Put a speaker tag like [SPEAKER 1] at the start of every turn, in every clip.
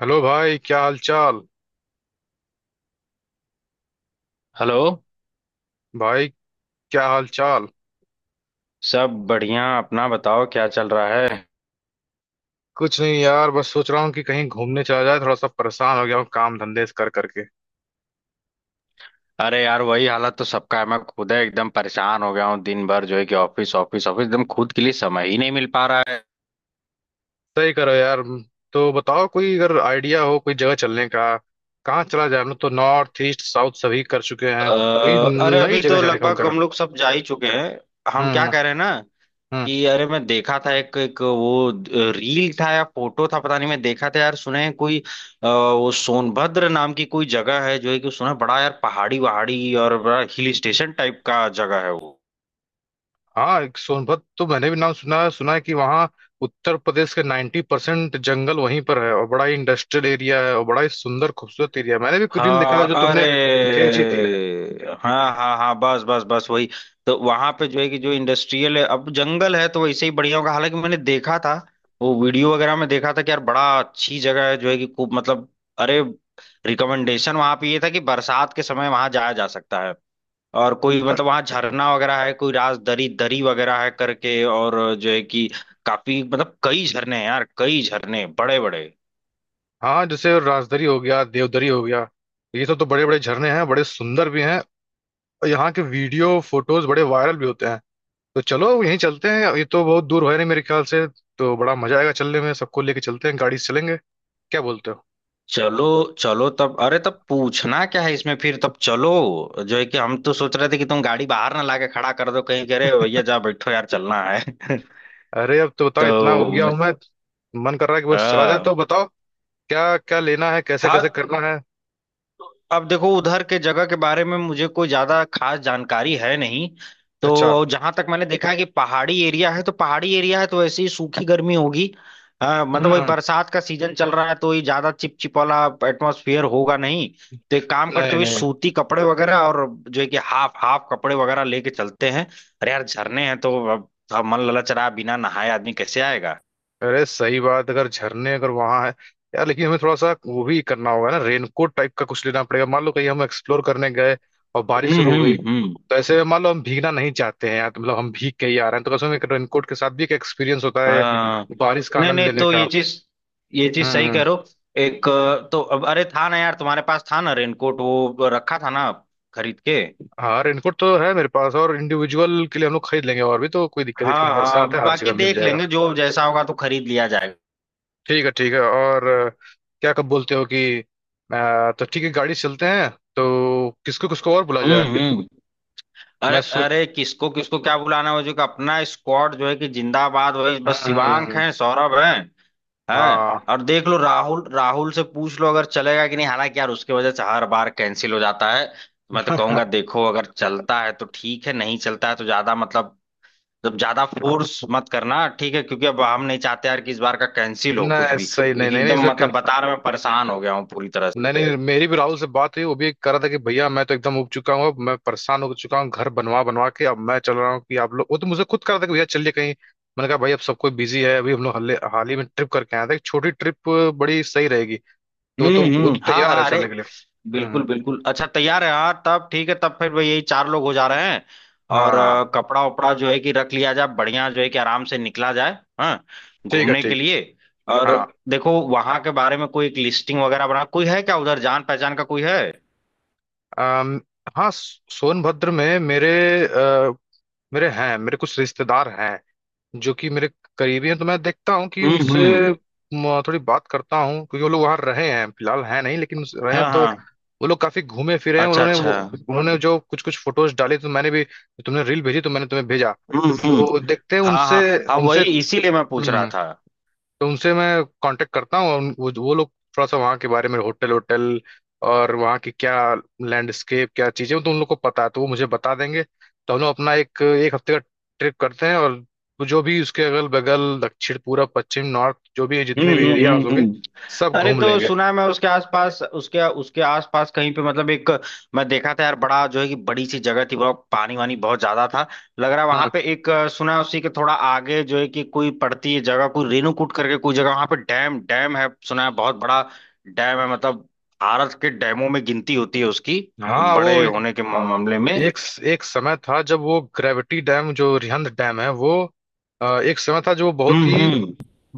[SPEAKER 1] Hello भाई, क्या हाल चाल?
[SPEAKER 2] हेलो।
[SPEAKER 1] भाई, क्या हाल चाल?
[SPEAKER 2] सब बढ़िया, अपना बताओ क्या चल रहा है।
[SPEAKER 1] कुछ नहीं यार, बस सोच रहा हूँ कि कहीं घूमने चला जाए। थोड़ा सा परेशान हो गया हूँ काम धंधे से कर करके।
[SPEAKER 2] अरे यार वही हालत तो सबका है। मैं खुद है एकदम परेशान हो गया हूँ। दिन भर जो है कि ऑफिस ऑफिस ऑफिस, एकदम खुद के लिए समय ही नहीं मिल पा रहा है।
[SPEAKER 1] सही करो यार। तो बताओ कोई अगर आइडिया हो कोई जगह चलने का। कहाँ चला जाए? हम लोग तो नॉर्थ ईस्ट साउथ सभी कर चुके हैं। कोई
[SPEAKER 2] अरे
[SPEAKER 1] नई
[SPEAKER 2] अभी
[SPEAKER 1] जगह
[SPEAKER 2] तो
[SPEAKER 1] जाने का मन कर
[SPEAKER 2] लगभग हम
[SPEAKER 1] रहा
[SPEAKER 2] लोग सब जा ही चुके हैं।
[SPEAKER 1] हूँ।
[SPEAKER 2] हम
[SPEAKER 1] हम्म।
[SPEAKER 2] क्या कह रहे हैं ना
[SPEAKER 1] हम्म।
[SPEAKER 2] कि अरे मैं देखा था एक एक वो रील था या फोटो था पता नहीं। मैं देखा था यार, सुने हैं कोई वो सोनभद्र नाम की कोई जगह है जो है कि सुना है बड़ा यार पहाड़ी वहाड़ी और बड़ा हिल स्टेशन टाइप का जगह है वो।
[SPEAKER 1] हाँ, एक सोनभद्र तो मैंने भी नाम सुना है। सुना है कि वहाँ उत्तर प्रदेश के 90% जंगल वहीं पर है, और बड़ा ही इंडस्ट्रियल एरिया है, और बड़ा ही सुंदर खूबसूरत एरिया है। मैंने भी कुछ रील देखा
[SPEAKER 2] हाँ,
[SPEAKER 1] था जो तुमने
[SPEAKER 2] अरे
[SPEAKER 1] भेजी थी।
[SPEAKER 2] हाँ हाँ हाँ, बस बस बस वही। तो वहां पे जो है कि जो इंडस्ट्रियल है, अब जंगल है तो वैसे ही बढ़िया होगा। हालांकि मैंने देखा था, वो वीडियो वगैरह में देखा था कि यार बड़ा अच्छी जगह है जो है कि खूब मतलब अरे, रिकमेंडेशन वहां पे ये था कि बरसात के समय वहां जाया जा सकता है। और कोई मतलब वहां झरना वगैरह है, कोई राजदरी दरी दरी वगैरह है करके, और जो है कि काफी मतलब कई झरने हैं यार, कई झरने बड़े बड़े।
[SPEAKER 1] हाँ, जैसे राजदरी हो गया, देवदरी हो गया, ये सब तो बड़े बड़े झरने हैं, बड़े सुंदर भी हैं। और यहाँ के वीडियो फोटोज बड़े वायरल भी होते हैं। तो चलो यहीं चलते हैं, ये तो बहुत दूर है नहीं मेरे ख्याल से। तो बड़ा मजा आएगा चलने में, सबको लेके चलते हैं, गाड़ी से चलेंगे। क्या बोलते हो?
[SPEAKER 2] चलो चलो, तब अरे तब पूछना क्या है इसमें, फिर तब चलो। जो है कि हम तो सोच रहे थे कि तुम गाड़ी बाहर ना लाके खड़ा कर दो कहीं करे भैया जा बैठो यार चलना है।
[SPEAKER 1] अरे अब तो बताओ,
[SPEAKER 2] तो
[SPEAKER 1] इतना हो गया हूं मैं। मन कर रहा है कि बस चला जाए,
[SPEAKER 2] हाँ
[SPEAKER 1] तो बताओ क्या क्या लेना है, कैसे
[SPEAKER 2] हाँ,
[SPEAKER 1] कैसे करना है।
[SPEAKER 2] अब देखो उधर के जगह के बारे में मुझे कोई ज्यादा खास जानकारी है नहीं।
[SPEAKER 1] अच्छा।
[SPEAKER 2] तो जहां तक मैंने देखा है कि पहाड़ी एरिया है, तो पहाड़ी एरिया है तो वैसे ही सूखी गर्मी होगी। मतलब वही
[SPEAKER 1] हम्म।
[SPEAKER 2] बरसात का सीजन चल रहा है तो ये ज्यादा चिपचिप वाला एटमोसफियर होगा नहीं। तो एक काम करते
[SPEAKER 1] नहीं
[SPEAKER 2] हुए,
[SPEAKER 1] नहीं।
[SPEAKER 2] सूती कपड़े वगैरह और जो है कि हाफ हाफ कपड़े वगैरह लेके चलते हैं। अरे यार झरने हैं तो अब मन ललच रहा है, बिना नहाए आदमी कैसे आएगा।
[SPEAKER 1] अरे सही बात, अगर झरने अगर वहां है, यार लेकिन हमें थोड़ा सा वो भी करना होगा ना, रेनकोट टाइप का कुछ लेना पड़ेगा। मान लो कहीं हम एक्सप्लोर करने गए और बारिश शुरू हो गई,
[SPEAKER 2] हम्म।
[SPEAKER 1] तो ऐसे में मान लो हम भीगना नहीं चाहते हैं यार, तो मतलब हम भीग के ही आ रहे हैं तो कसम, एक रेनकोट के साथ भी एक एक्सपीरियंस होता है
[SPEAKER 2] हाँ,
[SPEAKER 1] बारिश का
[SPEAKER 2] नहीं
[SPEAKER 1] आनंद
[SPEAKER 2] नहीं,
[SPEAKER 1] लेने
[SPEAKER 2] तो ये
[SPEAKER 1] का।
[SPEAKER 2] चीज, ये चीज सही
[SPEAKER 1] हम्म।
[SPEAKER 2] करो। एक तो अब अरे था ना यार तुम्हारे पास था ना रेनकोट, वो रखा था ना खरीद के।
[SPEAKER 1] हाँ, रेनकोट तो है मेरे पास, और इंडिविजुअल के लिए हम लोग खरीद लेंगे। और भी तो कोई दिक्कत नहीं इसमें,
[SPEAKER 2] हाँ हाँ,
[SPEAKER 1] बरसात है हर
[SPEAKER 2] बाकी
[SPEAKER 1] जगह मिल
[SPEAKER 2] देख
[SPEAKER 1] जाएगा।
[SPEAKER 2] लेंगे, जो जैसा होगा तो खरीद लिया जाएगा।
[SPEAKER 1] ठीक है, ठीक है, और क्या कब बोलते हो कि तो ठीक है गाड़ी से चलते हैं। तो किसको किसको और बुला जाए?
[SPEAKER 2] हम्म। अरे
[SPEAKER 1] मैं सोच।
[SPEAKER 2] अरे किसको किसको क्या बुलाना है, वो जो कि अपना स्क्वाड जो है कि जिंदाबाद, वही बस शिवांक
[SPEAKER 1] हम्म,
[SPEAKER 2] है, सौरभ है। हाँ,
[SPEAKER 1] हाँ।
[SPEAKER 2] और देख लो राहुल, राहुल से पूछ लो अगर चलेगा कि नहीं। हालांकि यार उसके वजह से हर बार कैंसिल हो जाता है, तो मैं तो कहूंगा देखो अगर चलता है तो ठीक है, नहीं चलता है तो ज्यादा मतलब जब ज्यादा फोर्स मत करना, ठीक है। क्योंकि अब हम नहीं चाहते यार कि इस बार का कैंसिल हो कुछ
[SPEAKER 1] नहीं,
[SPEAKER 2] भी,
[SPEAKER 1] सही। नहीं
[SPEAKER 2] क्योंकि
[SPEAKER 1] नहीं नहीं,
[SPEAKER 2] एकदम
[SPEAKER 1] इसमें
[SPEAKER 2] मतलब
[SPEAKER 1] क-।
[SPEAKER 2] बता रहा मैं परेशान हो गया हूँ पूरी तरह से।
[SPEAKER 1] नहीं नहीं, मेरी भी राहुल से बात हुई, वो भी कह रहा था कि भैया, मैं तो एकदम उब चुका हूँ, अब मैं परेशान हो चुका हूँ घर बनवा बनवा के। अब मैं चल रहा हूँ कि आप लोग, वो तो मुझे खुद कह रहा था कि भैया चलिए कहीं। मैंने कहा भाई, अब सब कोई बिजी है, अभी हम लोग हाल ही में ट्रिप करके आया था, एक छोटी ट्रिप बड़ी सही रहेगी। तो तो वो
[SPEAKER 2] हम्म।
[SPEAKER 1] तो
[SPEAKER 2] हाँ
[SPEAKER 1] तैयार है
[SPEAKER 2] हाँ, अरे
[SPEAKER 1] चलने के लिए।
[SPEAKER 2] बिल्कुल
[SPEAKER 1] हम्म।
[SPEAKER 2] बिल्कुल, अच्छा तैयार है। हाँ तब ठीक है, तब फिर भाई यही चार लोग हो जा रहे हैं। और
[SPEAKER 1] हाँ।
[SPEAKER 2] कपड़ा उपड़ा जो है कि रख लिया जाए बढ़िया, जो है कि आराम से निकला जाए। हाँ,
[SPEAKER 1] ठीक है,
[SPEAKER 2] घूमने के
[SPEAKER 1] ठीक।
[SPEAKER 2] लिए। और
[SPEAKER 1] हाँ।
[SPEAKER 2] देखो वहां के बारे में कोई एक लिस्टिंग वगैरह बना, कोई है क्या उधर जान पहचान का कोई है।
[SPEAKER 1] अम, हाँ, सोनभद्र में मेरे अ, मेरे हैं। मेरे कुछ रिश्तेदार हैं जो कि मेरे करीबी हैं। तो मैं देखता हूँ कि उनसे
[SPEAKER 2] हम्म।
[SPEAKER 1] थोड़ी बात करता हूँ, क्योंकि वो लोग वहाँ रहे हैं, फिलहाल हैं नहीं लेकिन रहे हैं।
[SPEAKER 2] हाँ
[SPEAKER 1] तो
[SPEAKER 2] हाँ।
[SPEAKER 1] वो लोग काफी घूमे फिरे हैं।
[SPEAKER 2] अच्छा अच्छा।
[SPEAKER 1] उन्होंने जो कुछ कुछ फोटोज डाले तो मैंने भी, तुमने रील भेजी तो मैंने तुम्हें भेजा।
[SPEAKER 2] हम्म।
[SPEAKER 1] तो देखते हैं
[SPEAKER 2] हाँ
[SPEAKER 1] उनसे।
[SPEAKER 2] हाँ। हाँ
[SPEAKER 1] उनसे
[SPEAKER 2] वही इसीलिए मैं पूछ रहा
[SPEAKER 1] हम्म,
[SPEAKER 2] था।
[SPEAKER 1] तो उनसे मैं कांटेक्ट करता हूँ, और वो लोग थोड़ा सा वहाँ के बारे में, होटल होटल और वहाँ की क्या लैंडस्केप क्या चीज़ें हैं, तो उन लोग को पता है, तो वो मुझे बता देंगे। तो हम लोग अपना एक एक हफ्ते का ट्रिप करते हैं, और जो भी उसके अगल बगल दक्षिण पूरब पश्चिम नॉर्थ, जो भी
[SPEAKER 2] हम्म
[SPEAKER 1] जितने भी
[SPEAKER 2] हम्म
[SPEAKER 1] एरियाज
[SPEAKER 2] हम्म
[SPEAKER 1] होंगे
[SPEAKER 2] हम्म।
[SPEAKER 1] सब
[SPEAKER 2] अरे
[SPEAKER 1] घूम
[SPEAKER 2] तो
[SPEAKER 1] लेंगे।
[SPEAKER 2] सुना है, मैं उसके आसपास उसके उसके आसपास कहीं पे मतलब एक, मैं देखा था यार बड़ा जो है कि बड़ी सी जगह थी, बहुत पानी वानी बहुत ज्यादा था, लग रहा है वहां
[SPEAKER 1] हाँ।
[SPEAKER 2] पे एक सुना है उसी के थोड़ा आगे जो है कि कोई पड़ती है जगह, कोई रेणुकूट करके कोई जगह, वहां पे डैम डैम है सुना है, बहुत बड़ा डैम है। मतलब भारत के डैमों में गिनती होती है उसकी,
[SPEAKER 1] हाँ।
[SPEAKER 2] बड़े
[SPEAKER 1] वो एक
[SPEAKER 2] होने के मामले में।
[SPEAKER 1] एक समय था जब वो ग्रेविटी डैम जो रिहंद डैम है, वो एक समय था जो बहुत ही,
[SPEAKER 2] हम्म।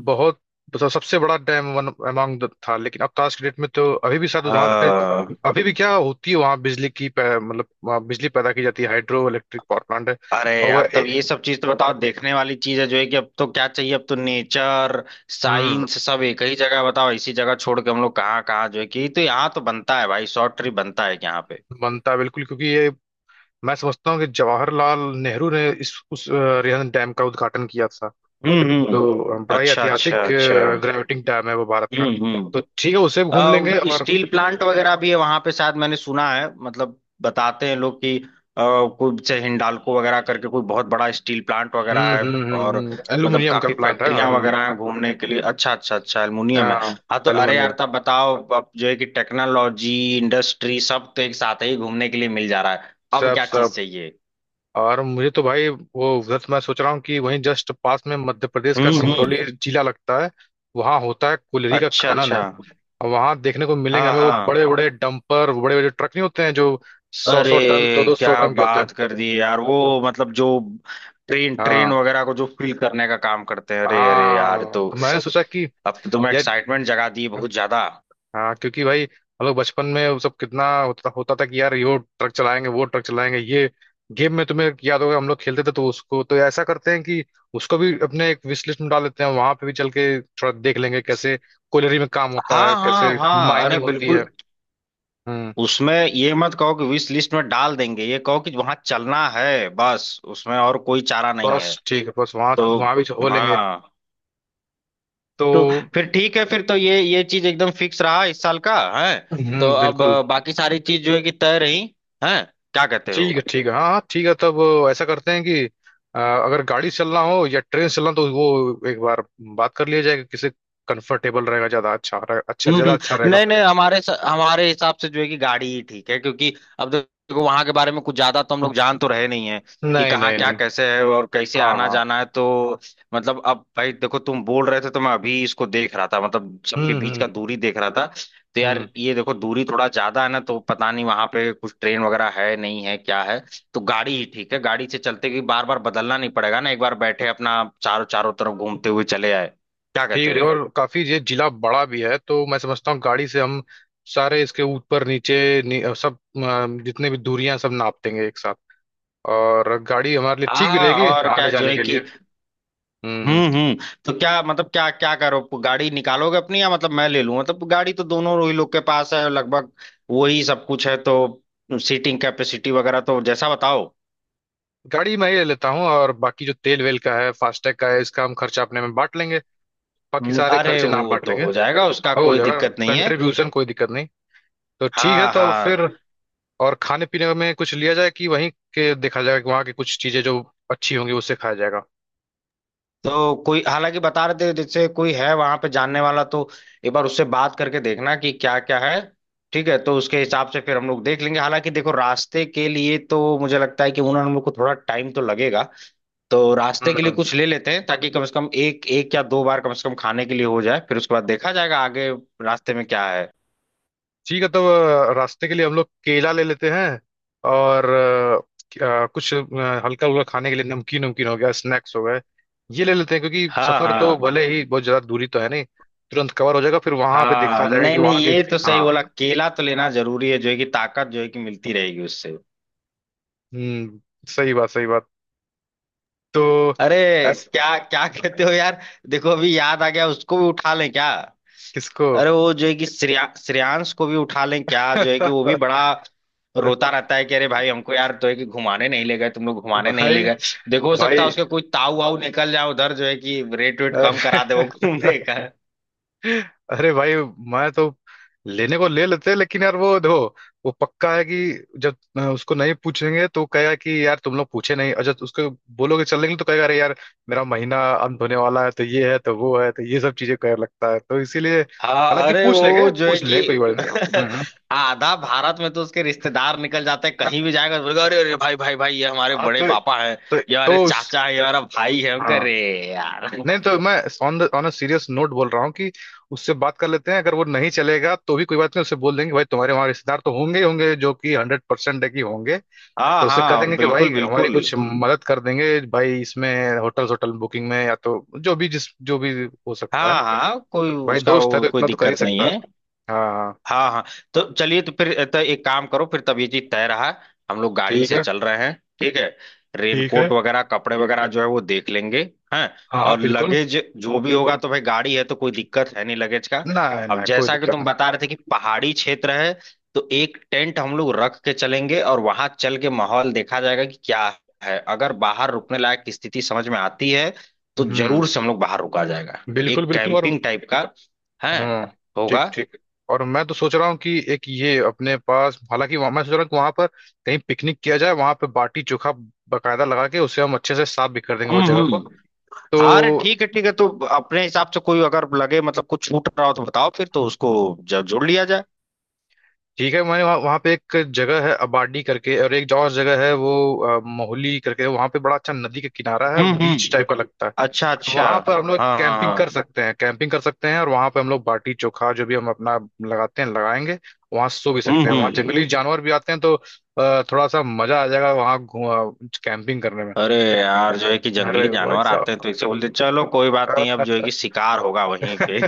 [SPEAKER 1] बहुत मतलब सबसे बड़ा डैम वन अमंग था। लेकिन अब का क्रिकेट में तो अभी भी शायद वहां पे,
[SPEAKER 2] हाँ,
[SPEAKER 1] अभी भी क्या होती है वहां बिजली की पै-, मतलब वहाँ बिजली पैदा की जाती है, हाइड्रो इलेक्ट्रिक पावर प्लांट है।
[SPEAKER 2] अरे
[SPEAKER 1] और
[SPEAKER 2] यार
[SPEAKER 1] वह
[SPEAKER 2] तब
[SPEAKER 1] ए-।
[SPEAKER 2] ये सब चीज तो बताओ देखने वाली चीज है, जो है कि अब तो क्या चाहिए, अब तो नेचर
[SPEAKER 1] हम्म।
[SPEAKER 2] साइंस सब एक ही जगह। बताओ इसी जगह छोड़ के हम लोग कहाँ कहाँ जो है कि, तो यहाँ तो बनता है भाई, शॉर्ट ट्रिप बनता है यहाँ पे।
[SPEAKER 1] बनता है बिल्कुल, क्योंकि ये मैं समझता हूँ कि जवाहरलाल नेहरू ने इस उस रिहन डैम का उद्घाटन किया था।
[SPEAKER 2] हम्म।
[SPEAKER 1] तो बड़ा ही
[SPEAKER 2] अच्छा
[SPEAKER 1] ऐतिहासिक
[SPEAKER 2] अच्छा अच्छा।
[SPEAKER 1] ग्रेविटिंग डैम है वो भारत का।
[SPEAKER 2] हम्म।
[SPEAKER 1] तो ठीक है, उसे भी घूम लेंगे। और
[SPEAKER 2] स्टील प्लांट वगैरह भी है वहां पे शायद, मैंने सुना है मतलब बताते हैं लोग कि अ, कोई जैसे हिंडाल्को वगैरह करके कोई बहुत बड़ा स्टील प्लांट वगैरह है। और मतलब
[SPEAKER 1] एल्यूमिनियम का
[SPEAKER 2] काफी
[SPEAKER 1] प्लांट है।
[SPEAKER 2] फैक्ट्रियां वगैरह हैं घूमने के लिए। अच्छा अच्छा अच्छा, एल्युमिनियम है।
[SPEAKER 1] हाँ।
[SPEAKER 2] हाँ, तो अरे
[SPEAKER 1] एल्यूमिनियम
[SPEAKER 2] यार तब बताओ अब जो है कि टेक्नोलॉजी इंडस्ट्री सब तो एक साथ ही घूमने के लिए मिल जा रहा है, अब
[SPEAKER 1] सब
[SPEAKER 2] क्या चीज
[SPEAKER 1] सब।
[SPEAKER 2] चाहिए।
[SPEAKER 1] और मुझे तो भाई वो उधर तो मैं सोच रहा हूँ कि वहीं जस्ट पास में मध्य प्रदेश का
[SPEAKER 2] हम्म।
[SPEAKER 1] सिंगरौली जिला लगता है। वहां होता है कोयले का
[SPEAKER 2] अच्छा
[SPEAKER 1] खनन,
[SPEAKER 2] अच्छा।
[SPEAKER 1] और वहां देखने को मिलेंगे
[SPEAKER 2] हाँ
[SPEAKER 1] हमें वो
[SPEAKER 2] हाँ,
[SPEAKER 1] बड़े बड़े डंपर, बड़े बड़े ट्रक नहीं होते हैं जो सौ
[SPEAKER 2] अरे
[SPEAKER 1] सौ टन दो दो सौ
[SPEAKER 2] क्या
[SPEAKER 1] टन के होते हैं।
[SPEAKER 2] बात कर दी यार वो, मतलब जो ट्रेन ट्रेन
[SPEAKER 1] हाँ
[SPEAKER 2] वगैरह को जो फील करने का काम करते हैं, अरे अरे यार,
[SPEAKER 1] हाँ,
[SPEAKER 2] तो
[SPEAKER 1] तो मैंने सोचा कि
[SPEAKER 2] अब तो तुम
[SPEAKER 1] यार।
[SPEAKER 2] एक्साइटमेंट जगा दी बहुत ज्यादा।
[SPEAKER 1] हाँ क्योंकि भाई हम लोग बचपन में वो सब कितना होता था कि यार, ये वो ट्रक चलाएंगे, वो ट्रक चलाएंगे। ये गेम में तुम्हें याद होगा, हम लोग खेलते थे। तो उसको तो ऐसा करते हैं कि उसको भी अपने एक विश लिस्ट में डाल देते हैं। वहां पे भी चल के थोड़ा देख लेंगे कैसे कोयलरी में काम होता है,
[SPEAKER 2] हाँ हाँ
[SPEAKER 1] कैसे
[SPEAKER 2] हाँ, अरे
[SPEAKER 1] माइनिंग होती
[SPEAKER 2] बिल्कुल।
[SPEAKER 1] है। हम्म।
[SPEAKER 2] उसमें ये मत कहो कि विश लिस्ट में डाल देंगे, ये कहो कि वहां चलना है बस, उसमें और कोई चारा नहीं
[SPEAKER 1] बस
[SPEAKER 2] है।
[SPEAKER 1] ठीक है, बस वहां
[SPEAKER 2] तो
[SPEAKER 1] वहां भी हो लेंगे।
[SPEAKER 2] हाँ,
[SPEAKER 1] तो।
[SPEAKER 2] तो फिर ठीक है, फिर तो ये चीज एकदम फिक्स रहा इस साल का है। तो
[SPEAKER 1] हम्म।
[SPEAKER 2] अब
[SPEAKER 1] बिल्कुल।
[SPEAKER 2] बाकी सारी चीज जो है कि तय रही है, क्या कहते हो।
[SPEAKER 1] ठीक है, ठीक है। हाँ हाँ, ठीक है तब ऐसा करते हैं कि अगर गाड़ी से चलना हो या ट्रेन से चलना हो, तो वो एक बार बात कर लिया जाएगा किसे कंफर्टेबल रहेगा ज्यादा, अच्छा अच्छा ज्यादा अच्छा रहेगा।
[SPEAKER 2] नहीं नहीं, हमारे स- हमारे हिसाब से जो है कि गाड़ी ही ठीक है, क्योंकि अब देखो वहां के बारे में कुछ ज्यादा तो हम लोग जान तो रहे नहीं है कि
[SPEAKER 1] नहीं
[SPEAKER 2] कहाँ
[SPEAKER 1] नहीं
[SPEAKER 2] क्या
[SPEAKER 1] नहीं।
[SPEAKER 2] कैसे है और कैसे
[SPEAKER 1] हाँ
[SPEAKER 2] आना
[SPEAKER 1] हाँ।
[SPEAKER 2] जाना है। तो मतलब अब भाई देखो, तुम बोल रहे थे तो मैं अभी इसको देख रहा था, मतलब सबके
[SPEAKER 1] हम्म
[SPEAKER 2] बीच का
[SPEAKER 1] हम्म
[SPEAKER 2] दूरी देख रहा था। तो यार
[SPEAKER 1] हम्म।
[SPEAKER 2] ये देखो दूरी थोड़ा ज्यादा है ना, तो पता नहीं वहां पे कुछ ट्रेन वगैरह है नहीं है क्या है। तो गाड़ी ही ठीक है, गाड़ी से चलते कि बार बार बदलना नहीं पड़ेगा ना, एक बार बैठे अपना चारों चारों तरफ घूमते हुए चले आए। क्या
[SPEAKER 1] ठीक
[SPEAKER 2] कहते
[SPEAKER 1] है, ठीक है।
[SPEAKER 2] हो।
[SPEAKER 1] और काफी ये जिला बड़ा भी है, तो मैं समझता हूँ गाड़ी से हम सारे इसके ऊपर नीचे सब जितने भी दूरियां सब नाप देंगे एक साथ। और गाड़ी हमारे लिए ठीक भी
[SPEAKER 2] हाँ
[SPEAKER 1] रहेगी
[SPEAKER 2] और क्या
[SPEAKER 1] आने
[SPEAKER 2] जो
[SPEAKER 1] जाने
[SPEAKER 2] है
[SPEAKER 1] के लिए।
[SPEAKER 2] कि।
[SPEAKER 1] हम्म। हम्म।
[SPEAKER 2] हम्म। तो क्या मतलब, क्या क्या करो, गाड़ी निकालोगे अपनी या मतलब मैं ले लूं, मतलब गाड़ी तो दोनों ही लोग के पास है लगभग, वही सब कुछ है तो सीटिंग कैपेसिटी वगैरह तो जैसा बताओ।
[SPEAKER 1] गाड़ी मैं ही ले लेता हूँ, और बाकी जो तेल वेल का है, फास्टैग का है, इसका हम खर्चा अपने में बांट लेंगे। बाकी सारे
[SPEAKER 2] अरे
[SPEAKER 1] खर्चे ना
[SPEAKER 2] वो
[SPEAKER 1] बांट
[SPEAKER 2] तो
[SPEAKER 1] लेंगे,
[SPEAKER 2] हो जाएगा, उसका
[SPEAKER 1] और हो
[SPEAKER 2] कोई
[SPEAKER 1] जाएगा।
[SPEAKER 2] दिक्कत नहीं है।
[SPEAKER 1] कंट्रीब्यूशन कोई दिक्कत नहीं। तो ठीक है,
[SPEAKER 2] हाँ
[SPEAKER 1] तो
[SPEAKER 2] हाँ,
[SPEAKER 1] फिर, और खाने पीने में कुछ लिया जाए कि वहीं के देखा जाएगा कि वहाँ की कुछ चीजें जो अच्छी होंगी उससे खाया जाएगा।
[SPEAKER 2] तो कोई हालांकि बता रहे थे जैसे कोई है वहां पे जानने वाला, तो एक बार उससे बात करके देखना कि क्या क्या है। ठीक है तो उसके हिसाब से फिर हम लोग देख लेंगे। हालांकि देखो रास्ते के लिए तो मुझे लगता है कि उन्होंने हम लोग को थोड़ा टाइम तो लगेगा, तो रास्ते के लिए
[SPEAKER 1] हम्म।
[SPEAKER 2] कुछ ले लेते हैं ताकि कम से कम एक एक या दो बार कम से कम खाने के लिए हो जाए, फिर उसके बाद देखा जाएगा आगे रास्ते में क्या है।
[SPEAKER 1] ठीक है तब, रास्ते के लिए हम लोग केला ले लेते हैं, और कुछ हल्का हल्का खाने के लिए, नमकीन नमकीन हो गया, स्नैक्स हो गए, ये ले लेते हैं, क्योंकि
[SPEAKER 2] हाँ
[SPEAKER 1] सफर तो
[SPEAKER 2] हाँ
[SPEAKER 1] भले ही, बहुत ज्यादा दूरी तो है नहीं, तुरंत कवर हो जाएगा, फिर वहां पे देखा
[SPEAKER 2] हाँ,
[SPEAKER 1] जाएगा
[SPEAKER 2] नहीं
[SPEAKER 1] कि
[SPEAKER 2] नहीं
[SPEAKER 1] वहां की।
[SPEAKER 2] ये तो सही
[SPEAKER 1] हाँ।
[SPEAKER 2] बोला, केला तो लेना जरूरी है जो है कि ताकत जो है कि मिलती रहेगी उससे।
[SPEAKER 1] हम्म। सही बात, सही बात। तो
[SPEAKER 2] अरे,
[SPEAKER 1] ऐस।
[SPEAKER 2] क्या क्या कहते हो यार, देखो अभी याद आ गया, उसको भी उठा लें क्या।
[SPEAKER 1] किसको?
[SPEAKER 2] अरे वो जो है कि श्रेया, श्रेयांश को भी उठा लें क्या, जो है कि वो भी बड़ा रोता रहता है कि अरे भाई हमको यार तो है कि घुमाने नहीं ले गए, तुम लोग घुमाने नहीं ले
[SPEAKER 1] भाई,
[SPEAKER 2] गए। देखो हो सकता
[SPEAKER 1] भाई,
[SPEAKER 2] है उसके कोई ताऊ वाऊ निकल जाए उधर, जो है कि रेट वेट कम
[SPEAKER 1] अरे।
[SPEAKER 2] करा दे वो घूमने का।
[SPEAKER 1] अरे भाई, मैं तो लेने को ले लेते लेकिन यार, वो देखो वो पक्का है कि जब उसको नहीं पूछेंगे तो कहेगा कि यार तुम लोग पूछे नहीं, और जब उसको बोलोगे चलने के लिए तो कहेगा अरे यार मेरा महीना अंत होने वाला है, तो ये है, तो वो है, तो ये सब चीजें कह लगता है, तो इसीलिए
[SPEAKER 2] हाँ,
[SPEAKER 1] हालांकि
[SPEAKER 2] अरे
[SPEAKER 1] पूछ
[SPEAKER 2] वो
[SPEAKER 1] लेंगे,
[SPEAKER 2] जो है
[SPEAKER 1] पूछ
[SPEAKER 2] कि
[SPEAKER 1] लेंगे कोई बात नहीं। हम्म। हम्म।
[SPEAKER 2] आधा भारत में तो उसके रिश्तेदार निकल जाते हैं। कहीं भी जाएगा तो बोलेगा अरे अरे भाई भाई भाई ये हमारे
[SPEAKER 1] आप
[SPEAKER 2] बड़े
[SPEAKER 1] तो।
[SPEAKER 2] पापा हैं,
[SPEAKER 1] तो,
[SPEAKER 2] ये हमारे
[SPEAKER 1] तो उस।
[SPEAKER 2] चाचा है, ये हमारा भाई है, हम कह
[SPEAKER 1] हाँ।
[SPEAKER 2] रे यार।
[SPEAKER 1] नहीं, तो मैं on the on uh serious note बोल रहा हूँ कि उससे बात कर लेते हैं, अगर वो नहीं चलेगा तो भी कोई बात नहीं, उससे बोल देंगे भाई तुम्हारे वहाँ रिश्तेदार तो होंगे ही होंगे जो कि 100% है कि होंगे।
[SPEAKER 2] हाँ
[SPEAKER 1] तो उससे कह
[SPEAKER 2] हाँ
[SPEAKER 1] देंगे कि भाई
[SPEAKER 2] बिल्कुल
[SPEAKER 1] हमारी
[SPEAKER 2] बिल्कुल।
[SPEAKER 1] कुछ मदद कर देंगे भाई इसमें होटल होटल बुकिंग में, या तो जो भी जिस जो भी हो सकता
[SPEAKER 2] हाँ
[SPEAKER 1] है।
[SPEAKER 2] हाँ, कोई
[SPEAKER 1] भाई
[SPEAKER 2] उसका
[SPEAKER 1] दोस्त है
[SPEAKER 2] वो
[SPEAKER 1] तो
[SPEAKER 2] कोई
[SPEAKER 1] इतना तो कर ही
[SPEAKER 2] दिक्कत नहीं
[SPEAKER 1] सकता है।
[SPEAKER 2] है।
[SPEAKER 1] हाँ।
[SPEAKER 2] हाँ हाँ, तो चलिए तो फिर तो एक काम करो, फिर तब ये चीज तय रहा, हम लोग गाड़ी
[SPEAKER 1] ठीक
[SPEAKER 2] से
[SPEAKER 1] है,
[SPEAKER 2] चल रहे हैं। ठीक है,
[SPEAKER 1] ठीक
[SPEAKER 2] रेनकोट
[SPEAKER 1] है।
[SPEAKER 2] वगैरह कपड़े वगैरह जो है वो देख लेंगे। हैं,
[SPEAKER 1] हाँ हाँ
[SPEAKER 2] और
[SPEAKER 1] बिल्कुल।
[SPEAKER 2] लगेज जो भी होगा तो भाई गाड़ी है तो कोई दिक्कत है नहीं लगेज का।
[SPEAKER 1] ना
[SPEAKER 2] अब
[SPEAKER 1] ना कोई
[SPEAKER 2] जैसा कि तुम
[SPEAKER 1] दिक्कत
[SPEAKER 2] बता रहे थे कि पहाड़ी क्षेत्र है, तो एक टेंट हम लोग रख के चलेंगे और वहां चल के माहौल देखा जाएगा कि क्या है। अगर बाहर रुकने लायक की स्थिति समझ में आती है तो
[SPEAKER 1] नहीं।
[SPEAKER 2] जरूर से हम लोग बाहर रुका जाएगा,
[SPEAKER 1] बिल्कुल
[SPEAKER 2] एक
[SPEAKER 1] बिल्कुल। और।
[SPEAKER 2] कैंपिंग टाइप का है
[SPEAKER 1] हम्म।
[SPEAKER 2] होगा।
[SPEAKER 1] ठीक। ठीक। और मैं तो सोच रहा हूँ कि एक ये अपने पास, हालांकि मैं सोच रहा हूँ कि वहां पर कहीं पिकनिक किया जाए, वहां पे बाटी चोखा बकायदा लगा के उसे हम अच्छे से साफ भी कर देंगे वो जगह को।
[SPEAKER 2] हम्म। हाँ, अरे
[SPEAKER 1] तो
[SPEAKER 2] ठीक है ठीक है, तो अपने हिसाब से कोई अगर लगे मतलब कुछ छूट रहा हो तो बताओ, फिर तो उसको जब जोड़ लिया जाए।
[SPEAKER 1] ठीक है। मैंने वहाँ वहाँ पे एक जगह है अबाडी करके, और एक और जगह है वो मोहली करके, वहाँ पे बड़ा अच्छा नदी का किनारा है, बीच
[SPEAKER 2] हम्म।
[SPEAKER 1] टाइप का लगता है।
[SPEAKER 2] अच्छा अच्छा।
[SPEAKER 1] वहां पर हम लोग
[SPEAKER 2] हाँ हाँ
[SPEAKER 1] कैंपिंग
[SPEAKER 2] हाँ।
[SPEAKER 1] कर सकते हैं, कैंपिंग कर सकते हैं, और वहां पे हम लोग बाटी चोखा जो भी हम अपना लगाते हैं लगाएंगे। वहां सो भी सकते हैं, वहां
[SPEAKER 2] हम्म।
[SPEAKER 1] जंगली जानवर भी आते हैं, तो थोड़ा सा मजा आ जाएगा वहां कैंपिंग करने में।
[SPEAKER 2] अरे यार जो है कि
[SPEAKER 1] अरे
[SPEAKER 2] जंगली
[SPEAKER 1] भाई
[SPEAKER 2] जानवर आते हैं तो
[SPEAKER 1] साहब।
[SPEAKER 2] इसे बोलते हैं, चलो कोई बात नहीं, अब जो है कि शिकार होगा वहीं पे।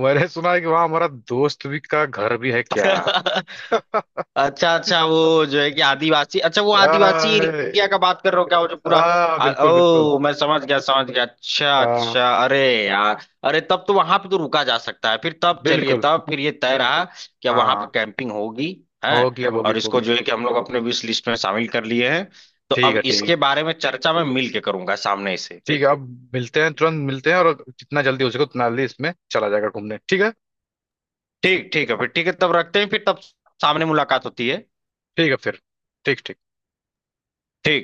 [SPEAKER 1] मैंने सुना है कि वहां हमारा दोस्त भी का घर भी है क्या?
[SPEAKER 2] अच्छा अच्छा, वो जो है कि आदिवासी, अच्छा वो आदिवासी
[SPEAKER 1] आ,
[SPEAKER 2] एरिया का बात कर रहे हो क्या, वो जो पूरा
[SPEAKER 1] आ, बिल्कुल बिल्कुल।
[SPEAKER 2] ओ मैं समझ गया समझ गया, अच्छा
[SPEAKER 1] हाँ
[SPEAKER 2] अच्छा, अरे यार अरे तब तो वहां पे तो रुका जा सकता है। फिर तब चलिए
[SPEAKER 1] बिल्कुल।
[SPEAKER 2] तब फिर ये तय रहा कि अब वहां पर
[SPEAKER 1] हाँ।
[SPEAKER 2] कैंपिंग होगी है।
[SPEAKER 1] होगी अब, होगी
[SPEAKER 2] और इसको
[SPEAKER 1] होगी।
[SPEAKER 2] जो है कि हम लोग अपने विश लिस्ट में शामिल कर लिए हैं, तो अब
[SPEAKER 1] ठीक है, ठीक है।
[SPEAKER 2] इसके बारे में चर्चा मैं मिल के करूंगा सामने से।
[SPEAKER 1] ठीक है अब मिलते हैं, तुरंत मिलते हैं, और जितना जल्दी हो सके उतना जल्दी इसमें चला जाएगा घूमने। ठीक है।
[SPEAKER 2] ठीक, ठीक है फिर, ठीक है तब रखते हैं, फिर तब सामने मुलाकात होती है।
[SPEAKER 1] ठीक है फिर। ठीक। ठीक।
[SPEAKER 2] ठीक।